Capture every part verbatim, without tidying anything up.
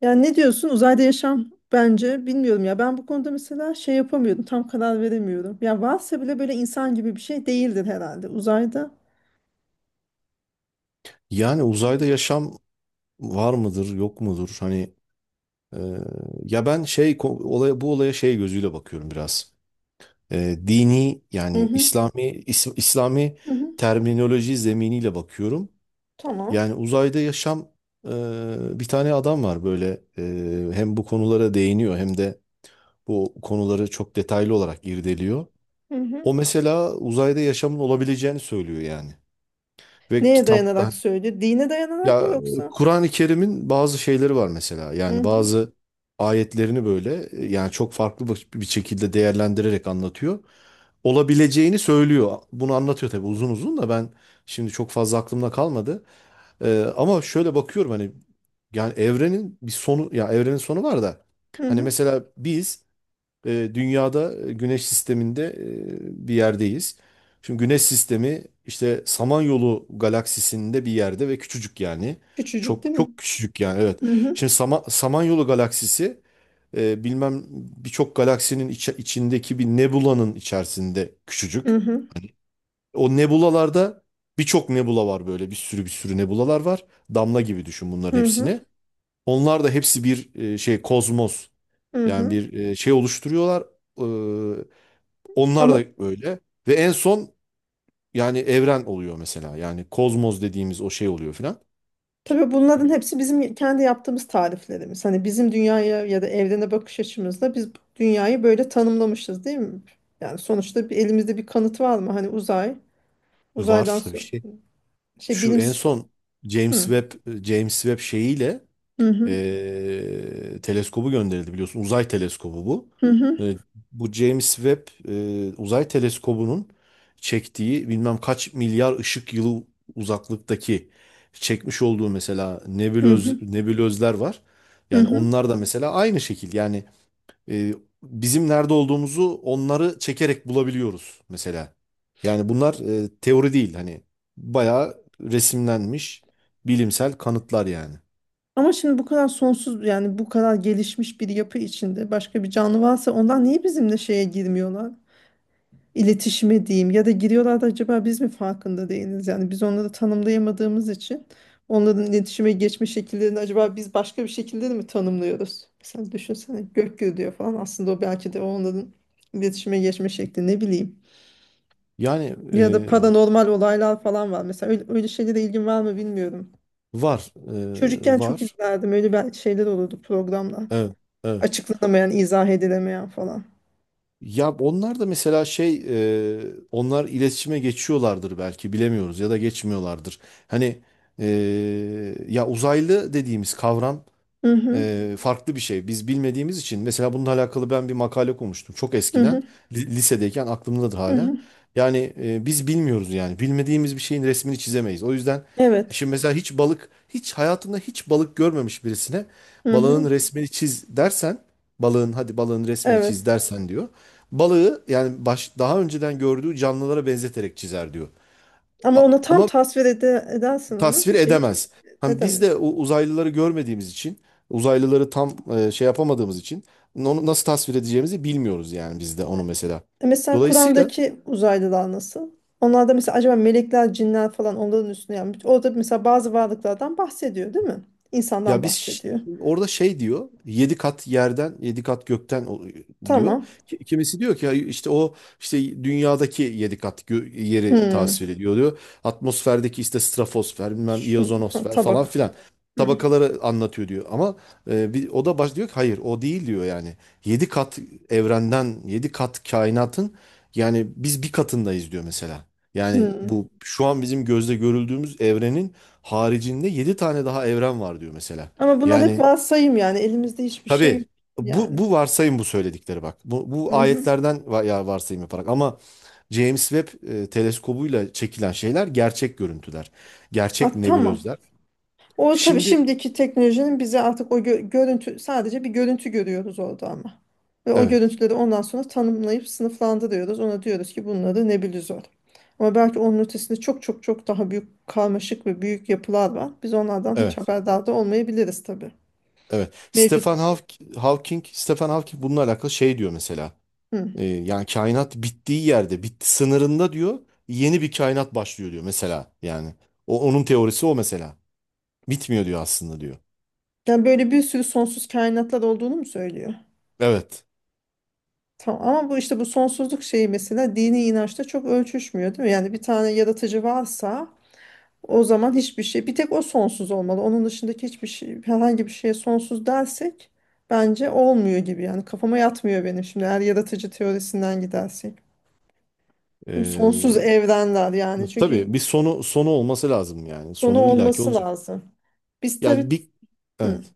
Yani ne diyorsun uzayda yaşam? Bence bilmiyorum ya, ben bu konuda mesela şey yapamıyordum, tam karar veremiyorum. Ya varsa bile böyle insan gibi bir şey değildir herhalde uzayda. Yani uzayda yaşam var mıdır, yok mudur? Hani e, ya ben şey ko- olaya bu olaya şey gözüyle bakıyorum biraz. E, dini Hı yani hı, İslami is- İslami hı hı, terminoloji zeminiyle bakıyorum. tamam. Yani uzayda yaşam e, Bir tane adam var böyle e, hem bu konulara değiniyor hem de bu konuları çok detaylı olarak irdeliyor. Hı hı. O mesela uzayda yaşamın olabileceğini söylüyor yani. Ve Neye kitap dayanarak söylüyor? Dine dayanarak mı Ya yoksa? Kur'an-ı Kerim'in bazı şeyleri var mesela. Hı Yani hı, bazı ayetlerini böyle e, yani çok farklı bir bir şekilde değerlendirerek anlatıyor. Olabileceğini söylüyor. Bunu anlatıyor tabii uzun uzun da ben şimdi çok fazla aklımda kalmadı. Ee, ama şöyle bakıyorum hani yani evrenin bir sonu ya evrenin sonu var da hı hani hı. mesela biz e, dünyada e, güneş sisteminde e, bir yerdeyiz. Şimdi güneş sistemi işte Samanyolu galaksisinde bir yerde ve küçücük yani. Küçücük değil Çok mi? çok küçücük yani evet. Hı hı, Şimdi Sama- Samanyolu galaksisi e, bilmem birçok galaksinin içi- içindeki bir nebulanın içerisinde hı küçücük. hı, Hani o nebulalarda birçok nebula var böyle bir sürü bir sürü nebulalar var. Damla gibi düşün bunların hı hı. hepsini. Onlar da hepsi bir e, şey kozmos. Hı Yani hı. bir e, şey oluşturuyorlar. Ee, Onlar Ama da öyle. Ve en son yani evren oluyor mesela. Yani kozmos dediğimiz o şey oluyor filan. tabii bunların hepsi bizim kendi yaptığımız tariflerimiz. Hani bizim dünyaya ya da evrene bakış açımızda biz bu dünyayı böyle tanımlamışız, değil mi? Yani sonuçta bir, elimizde bir kanıt var mı? Hani uzay, uzaydan Var tabii so-, şey. şey, Şu bilim... en son James Hı. Webb e, James Webb şeyiyle Hı hı, e, teleskobu gönderildi biliyorsun. Uzay teleskobu bu. hı hı, E, Bu James Webb e, uzay teleskobunun çektiği bilmem kaç milyar ışık yılı uzaklıktaki çekmiş olduğu mesela hı hı, nebulöz, nebulözler var. hı Yani hı. onlar da mesela aynı şekil. Yani e, bizim nerede olduğumuzu onları çekerek bulabiliyoruz mesela. Yani bunlar e, teori değil hani bayağı resimlenmiş bilimsel kanıtlar yani. Ama şimdi bu kadar sonsuz, yani bu kadar gelişmiş bir yapı içinde başka bir canlı varsa ondan niye bizimle şeye girmiyorlar? İletişime diyeyim, ya da giriyorlar da acaba biz mi farkında değiliz? Yani biz onları tanımlayamadığımız için onların iletişime geçme şekillerini acaba biz başka bir şekilde de mi tanımlıyoruz? Mesela düşünsene, gök gürülüyor falan, aslında o belki de onların iletişime geçme şekli, ne bileyim. Yani Ya da paranormal olaylar falan var. Mesela öyle, öyle şeylere ilgin var mı bilmiyorum. var, e, Çocukken çok var. izlerdim. Öyle bel-, şeyler olurdu, programlar. Evet, evet. Açıklanamayan, izah edilemeyen falan. Ya onlar da mesela şey, e, onlar iletişime geçiyorlardır belki bilemiyoruz ya da geçmiyorlardır. Hani e, Ya uzaylı dediğimiz kavram Hı hı, e, farklı bir şey. Biz bilmediğimiz için mesela bununla alakalı ben bir makale okumuştum çok hı eskiden hı, li- lisedeyken aklımdadır hı hala. hı. Yani e, biz bilmiyoruz yani bilmediğimiz bir şeyin resmini çizemeyiz. O yüzden Evet. şimdi mesela hiç balık hiç hayatında hiç balık görmemiş birisine Hı balığın hı. resmini çiz dersen balığın hadi balığın resmini Evet. çiz dersen diyor. Balığı yani baş, daha önceden gördüğü canlılara benzeterek çizer diyor. Ama A- ona tam Ama tasvir ede edersen, onu bir tasvir şey hiç edemez. Hani biz de edemez. o uzaylıları görmediğimiz için, uzaylıları tam e, şey yapamadığımız için onu nasıl tasvir edeceğimizi bilmiyoruz yani biz de onu mesela. E mesela Dolayısıyla Kur'an'daki uzaylılar nasıl? Onlar da mesela acaba melekler, cinler falan onların üstüne yapmış. Orada mesela bazı varlıklardan bahsediyor, değil mi? İnsandan ya biz ş- bahsediyor. orada şey diyor. Yedi kat yerden, yedi kat gökten o- diyor. Tamam. Ki- Kimisi diyor ki ya işte o işte dünyadaki yedi kat gö- yeri tasvir Hmm. ediyor diyor. Atmosferdeki işte stratosfer, bilmem Şu, ha, iyozonosfer falan tabak. filan Hmm. tabakaları anlatıyor diyor. Ama e, bir, o da baş diyor ki hayır o değil diyor yani. Yedi kat evrenden, yedi kat kainatın yani biz bir katındayız diyor mesela. Yani Hmm. bu şu an bizim gözle görüldüğümüz evrenin haricinde yedi tane daha evren var diyor mesela. Ama bunlar hep Yani varsayım yani. Elimizde hiçbir şey yok tabii bu, yani. bu varsayım bu söyledikleri bak. Bu, bu Hı hı. ayetlerden va- ya varsayım yaparak ama James Webb e, teleskobuyla çekilen şeyler gerçek görüntüler. Gerçek Ah, tamam. nebulözler. O tabii Şimdi şimdiki teknolojinin bize artık, o gö- görüntü, sadece bir görüntü görüyoruz orada ama. Ve o evet, görüntüleri ondan sonra tanımlayıp sınıflandırıyoruz. Ona diyoruz ki bunları nebulizör. Ama belki onun ötesinde çok çok çok daha büyük, karmaşık ve büyük yapılar var. Biz onlardan hiç evet, haberdar da olmayabiliriz tabii. evet. Mevcut. Stephen Hawk- Hawking, Stephen Hawking bununla alakalı şey diyor mesela. Hı. E, yani kainat bittiği yerde, bitti sınırında diyor, yeni bir kainat başlıyor diyor mesela. Yani o onun teorisi o mesela. Bitmiyor diyor aslında diyor. Yani böyle bir sürü sonsuz kainatlar olduğunu mu söylüyor? Evet. Tamam, ama bu işte, bu sonsuzluk şeyi mesela dini inançta çok ölçüşmüyor değil mi? Yani bir tane yaratıcı varsa, o zaman hiçbir şey, bir tek o sonsuz olmalı. Onun dışındaki hiçbir şey, herhangi bir şeye sonsuz dersek bence olmuyor gibi. Yani kafama yatmıyor benim, şimdi eğer yaratıcı teorisinden gidersek. Değil mi? Sonsuz Ee, evrenler, yani çünkü tabii bir sonu sonu olması lazım yani. sonu Sonu illaki olması olacak. lazım. Biz tabii, Yani bir hı, evet.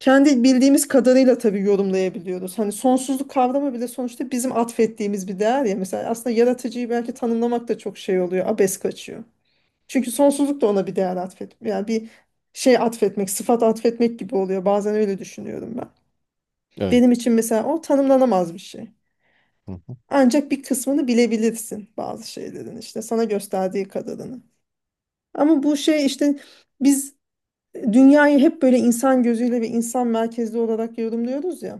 kendi bildiğimiz kadarıyla tabii yorumlayabiliyoruz. Hani sonsuzluk kavramı bile sonuçta bizim atfettiğimiz bir değer ya. Mesela aslında yaratıcıyı belki tanımlamak da çok şey oluyor, abes kaçıyor. Çünkü sonsuzluk da ona bir değer atfet. Yani bir şey atfetmek, sıfat atfetmek gibi oluyor. Bazen öyle düşünüyorum ben. Evet. Benim için mesela o tanımlanamaz bir şey. Hı hı. Ancak bir kısmını bilebilirsin, bazı şeylerin işte sana gösterdiği kadarını. Ama bu şey işte, biz dünyayı hep böyle insan gözüyle ve insan merkezli olarak yorumluyoruz ya.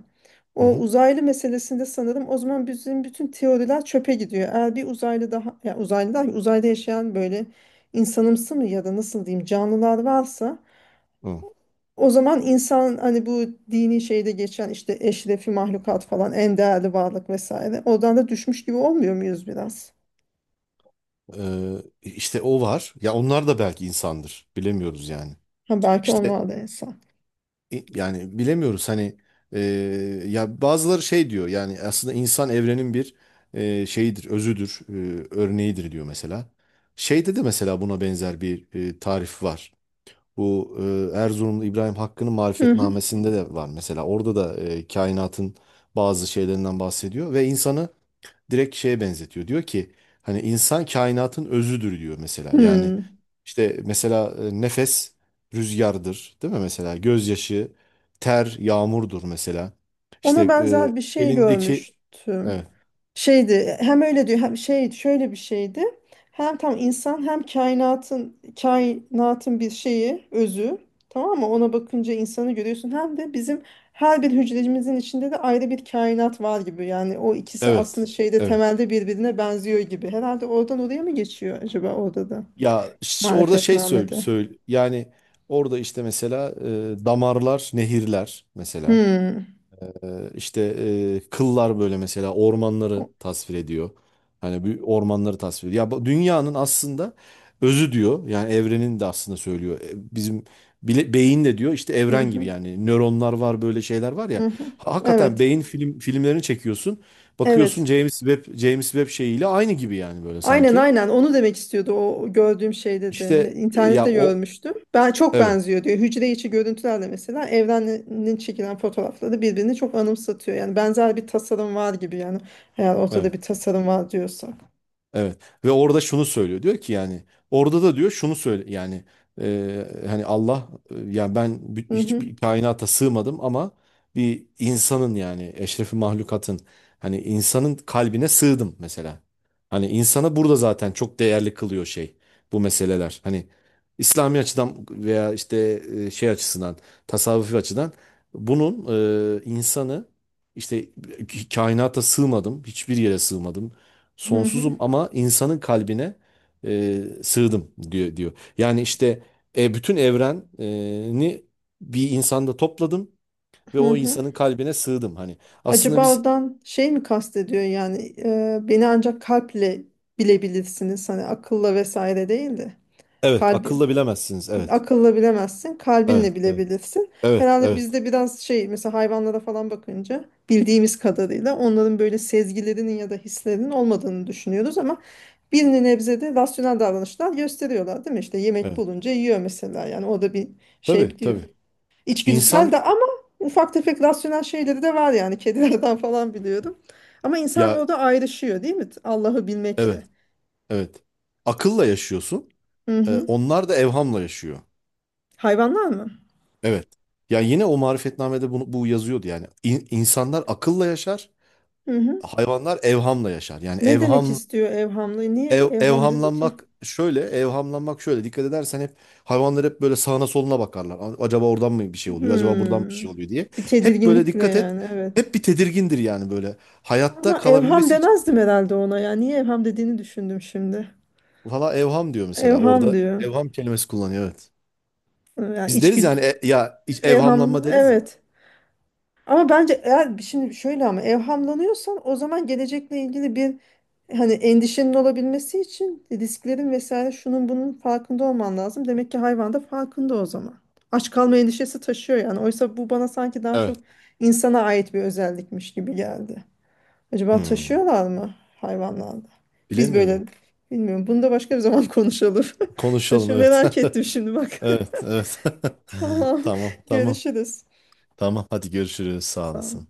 Hı O hı. uzaylı meselesinde sanırım o zaman bizim bütün teoriler çöpe gidiyor. Eğer bir uzaylı daha, ya uzaylı daha, uzayda yaşayan böyle insanımsı mı, ya da nasıl diyeyim, canlılar varsa, Hı. o zaman insan, hani bu dini şeyde geçen işte eşrefi mahlukat falan, en değerli varlık vesaire, oradan da düşmüş gibi olmuyor muyuz biraz? Ee, işte o var. Ya onlar da belki insandır. Bilemiyoruz yani. Ha, belki İşte onlar da insan. i- yani bilemiyoruz hani e, ya bazıları şey diyor yani aslında insan evrenin bir e, şeyidir, özüdür, e, örneğidir diyor mesela. Şeyde de mesela buna benzer bir e, tarif var. Bu e, Erzurumlu İbrahim Hakkı'nın Hı. Marifetnamesinde de var mesela. Orada da e, kainatın bazı şeylerinden bahsediyor ve insanı direkt şeye benzetiyor. Diyor ki hani insan kainatın özüdür diyor mesela. Yani Hmm. işte mesela e, nefes rüzgardır değil mi mesela? Gözyaşı, ter, yağmurdur mesela. İşte Ona e, benzer bir şey elindeki görmüştüm. evet Şeydi, hem öyle diyor, hem şey, şöyle bir şeydi. Hem tam insan, hem kainatın kainatın bir şeyi, özü, tamam mı? Ona bakınca insanı görüyorsun. Hem de bizim her bir hücrecimizin içinde de ayrı bir kainat var gibi. Yani o ikisi aslında evet şeyde, evet. temelde birbirine benziyor gibi. Herhalde oradan oraya mı geçiyor acaba, orada da? Ya ş- orada şey söyle, Marifetname'de. söyle yani orada işte mesela e, damarlar, nehirler mesela. Hmm. Ee, işte e, kıllar böyle mesela ormanları tasvir ediyor. Hani bir ormanları tasvir ediyor. Ya bu dünyanın aslında özü diyor. Yani evrenin de aslında söylüyor. E, Bizim bile, beyin de diyor işte Hı evren gibi hı. yani nöronlar var böyle şeyler var Hı ya. hı. Ha- Hakikaten Evet. beyin film filmlerini çekiyorsun. Bakıyorsun Evet. James Webb James Webb şeyiyle aynı gibi yani böyle Aynen, sanki. aynen onu demek istiyordu, o gördüğüm şey dedi. Ne-, İşte e, ya İnternette o görmüştüm. Ben çok evet benziyor diyor. Hücre içi görüntülerle mesela evrenin çekilen fotoğrafları birbirini çok anımsatıyor. Yani benzer bir tasarım var gibi yani, eğer ortada evet. bir tasarım var diyorsa. Evet ve orada şunu söylüyor diyor ki yani orada da diyor şunu söyle yani e, hani Allah e, yani ben bi- Hı hı, hiçbir kainata sığmadım ama bir insanın yani eşrefi mahlukatın hani insanın kalbine sığdım mesela. Hani insana burada zaten çok değerli kılıyor şey bu meseleler. Hani İslami açıdan veya işte e, şey açısından tasavvufi açıdan bunun e, insanı işte kainata sığmadım hiçbir yere sığmadım hı hı, sonsuzum ama insanın kalbine e, sığdım diyor, diyor. Yani işte e, bütün evreni bir insanda topladım ve hı o hı. insanın kalbine sığdım. Hani aslında Acaba biz oradan şey mi kastediyor, yani e, beni ancak kalple bilebilirsiniz, hani akılla vesaire değil de evet kalbi. akılla bilemezsiniz. Evet. Akılla bilemezsin, kalbinle Evet. Evet. bilebilirsin. Evet. Herhalde Evet. bizde biraz şey, mesela hayvanlara falan bakınca bildiğimiz kadarıyla onların böyle sezgilerinin ya da hislerinin olmadığını düşünüyoruz ama bir nebzede rasyonel davranışlar gösteriyorlar değil mi? İşte yemek Evet. bulunca yiyor mesela, yani o da bir Tabii şey diyor. tabii. İçgüdüsel İnsan de, ama ufak tefek rasyonel şeyleri de var yani, kedilerden falan biliyorum. Ama insan ya orada ayrışıyor değil mi? Allah'ı evet. bilmekle. Evet. Akılla yaşıyorsun. Hı E, hı. Onlar da evhamla yaşıyor. Hayvanlar mı? Evet. Yani yine o marifetnamede bunu, bu yazıyordu yani. İn- insanlar akılla yaşar. Hı hı. Hayvanlar evhamla yaşar. Yani Ne demek evham istiyor evhamlı? Niye Ev, evham dedi ki? evhamlanmak şöyle, evhamlanmak şöyle. Dikkat edersen hep hayvanlar hep böyle sağına soluna bakarlar. A- Acaba oradan mı bir şey oluyor? Acaba buradan bir Hmm. şey oluyor diye. Bir Hep böyle tedirginlikle, dikkat et. yani, evet. Hep bir tedirgindir yani böyle. Hayatta Ama evham kalabilmesi için. demezdim herhalde ona ya. Niye evham dediğini düşündüm şimdi. Valla evham diyor mesela. Evham Orada diyor. evham kelimesi kullanıyor evet. Yani Biz deriz içgüdü. yani e- ya hiç Evham, evhamlanma deriz ya. evet. Ama bence eğer şimdi şöyle, ama evhamlanıyorsan o zaman gelecekle ilgili bir, hani endişenin olabilmesi için risklerin vesaire şunun bunun farkında olman lazım. Demek ki hayvan da farkında o zaman. Aç kalma endişesi taşıyor yani. Oysa bu bana sanki daha çok Evet. insana ait bir özellikmiş gibi geldi. Acaba Hmm, taşıyorlar mı hayvanlarda? Biz böyle, bilemiyorum. bilmiyorum. Bunu da başka bir zaman konuşalım. Konuşalım Taşı evet. merak ettim şimdi bak. Evet, evet. Tamam. Tamam, tamam. Görüşürüz. Tamam. Hadi görüşürüz. Sağ Sağ ol. olasın.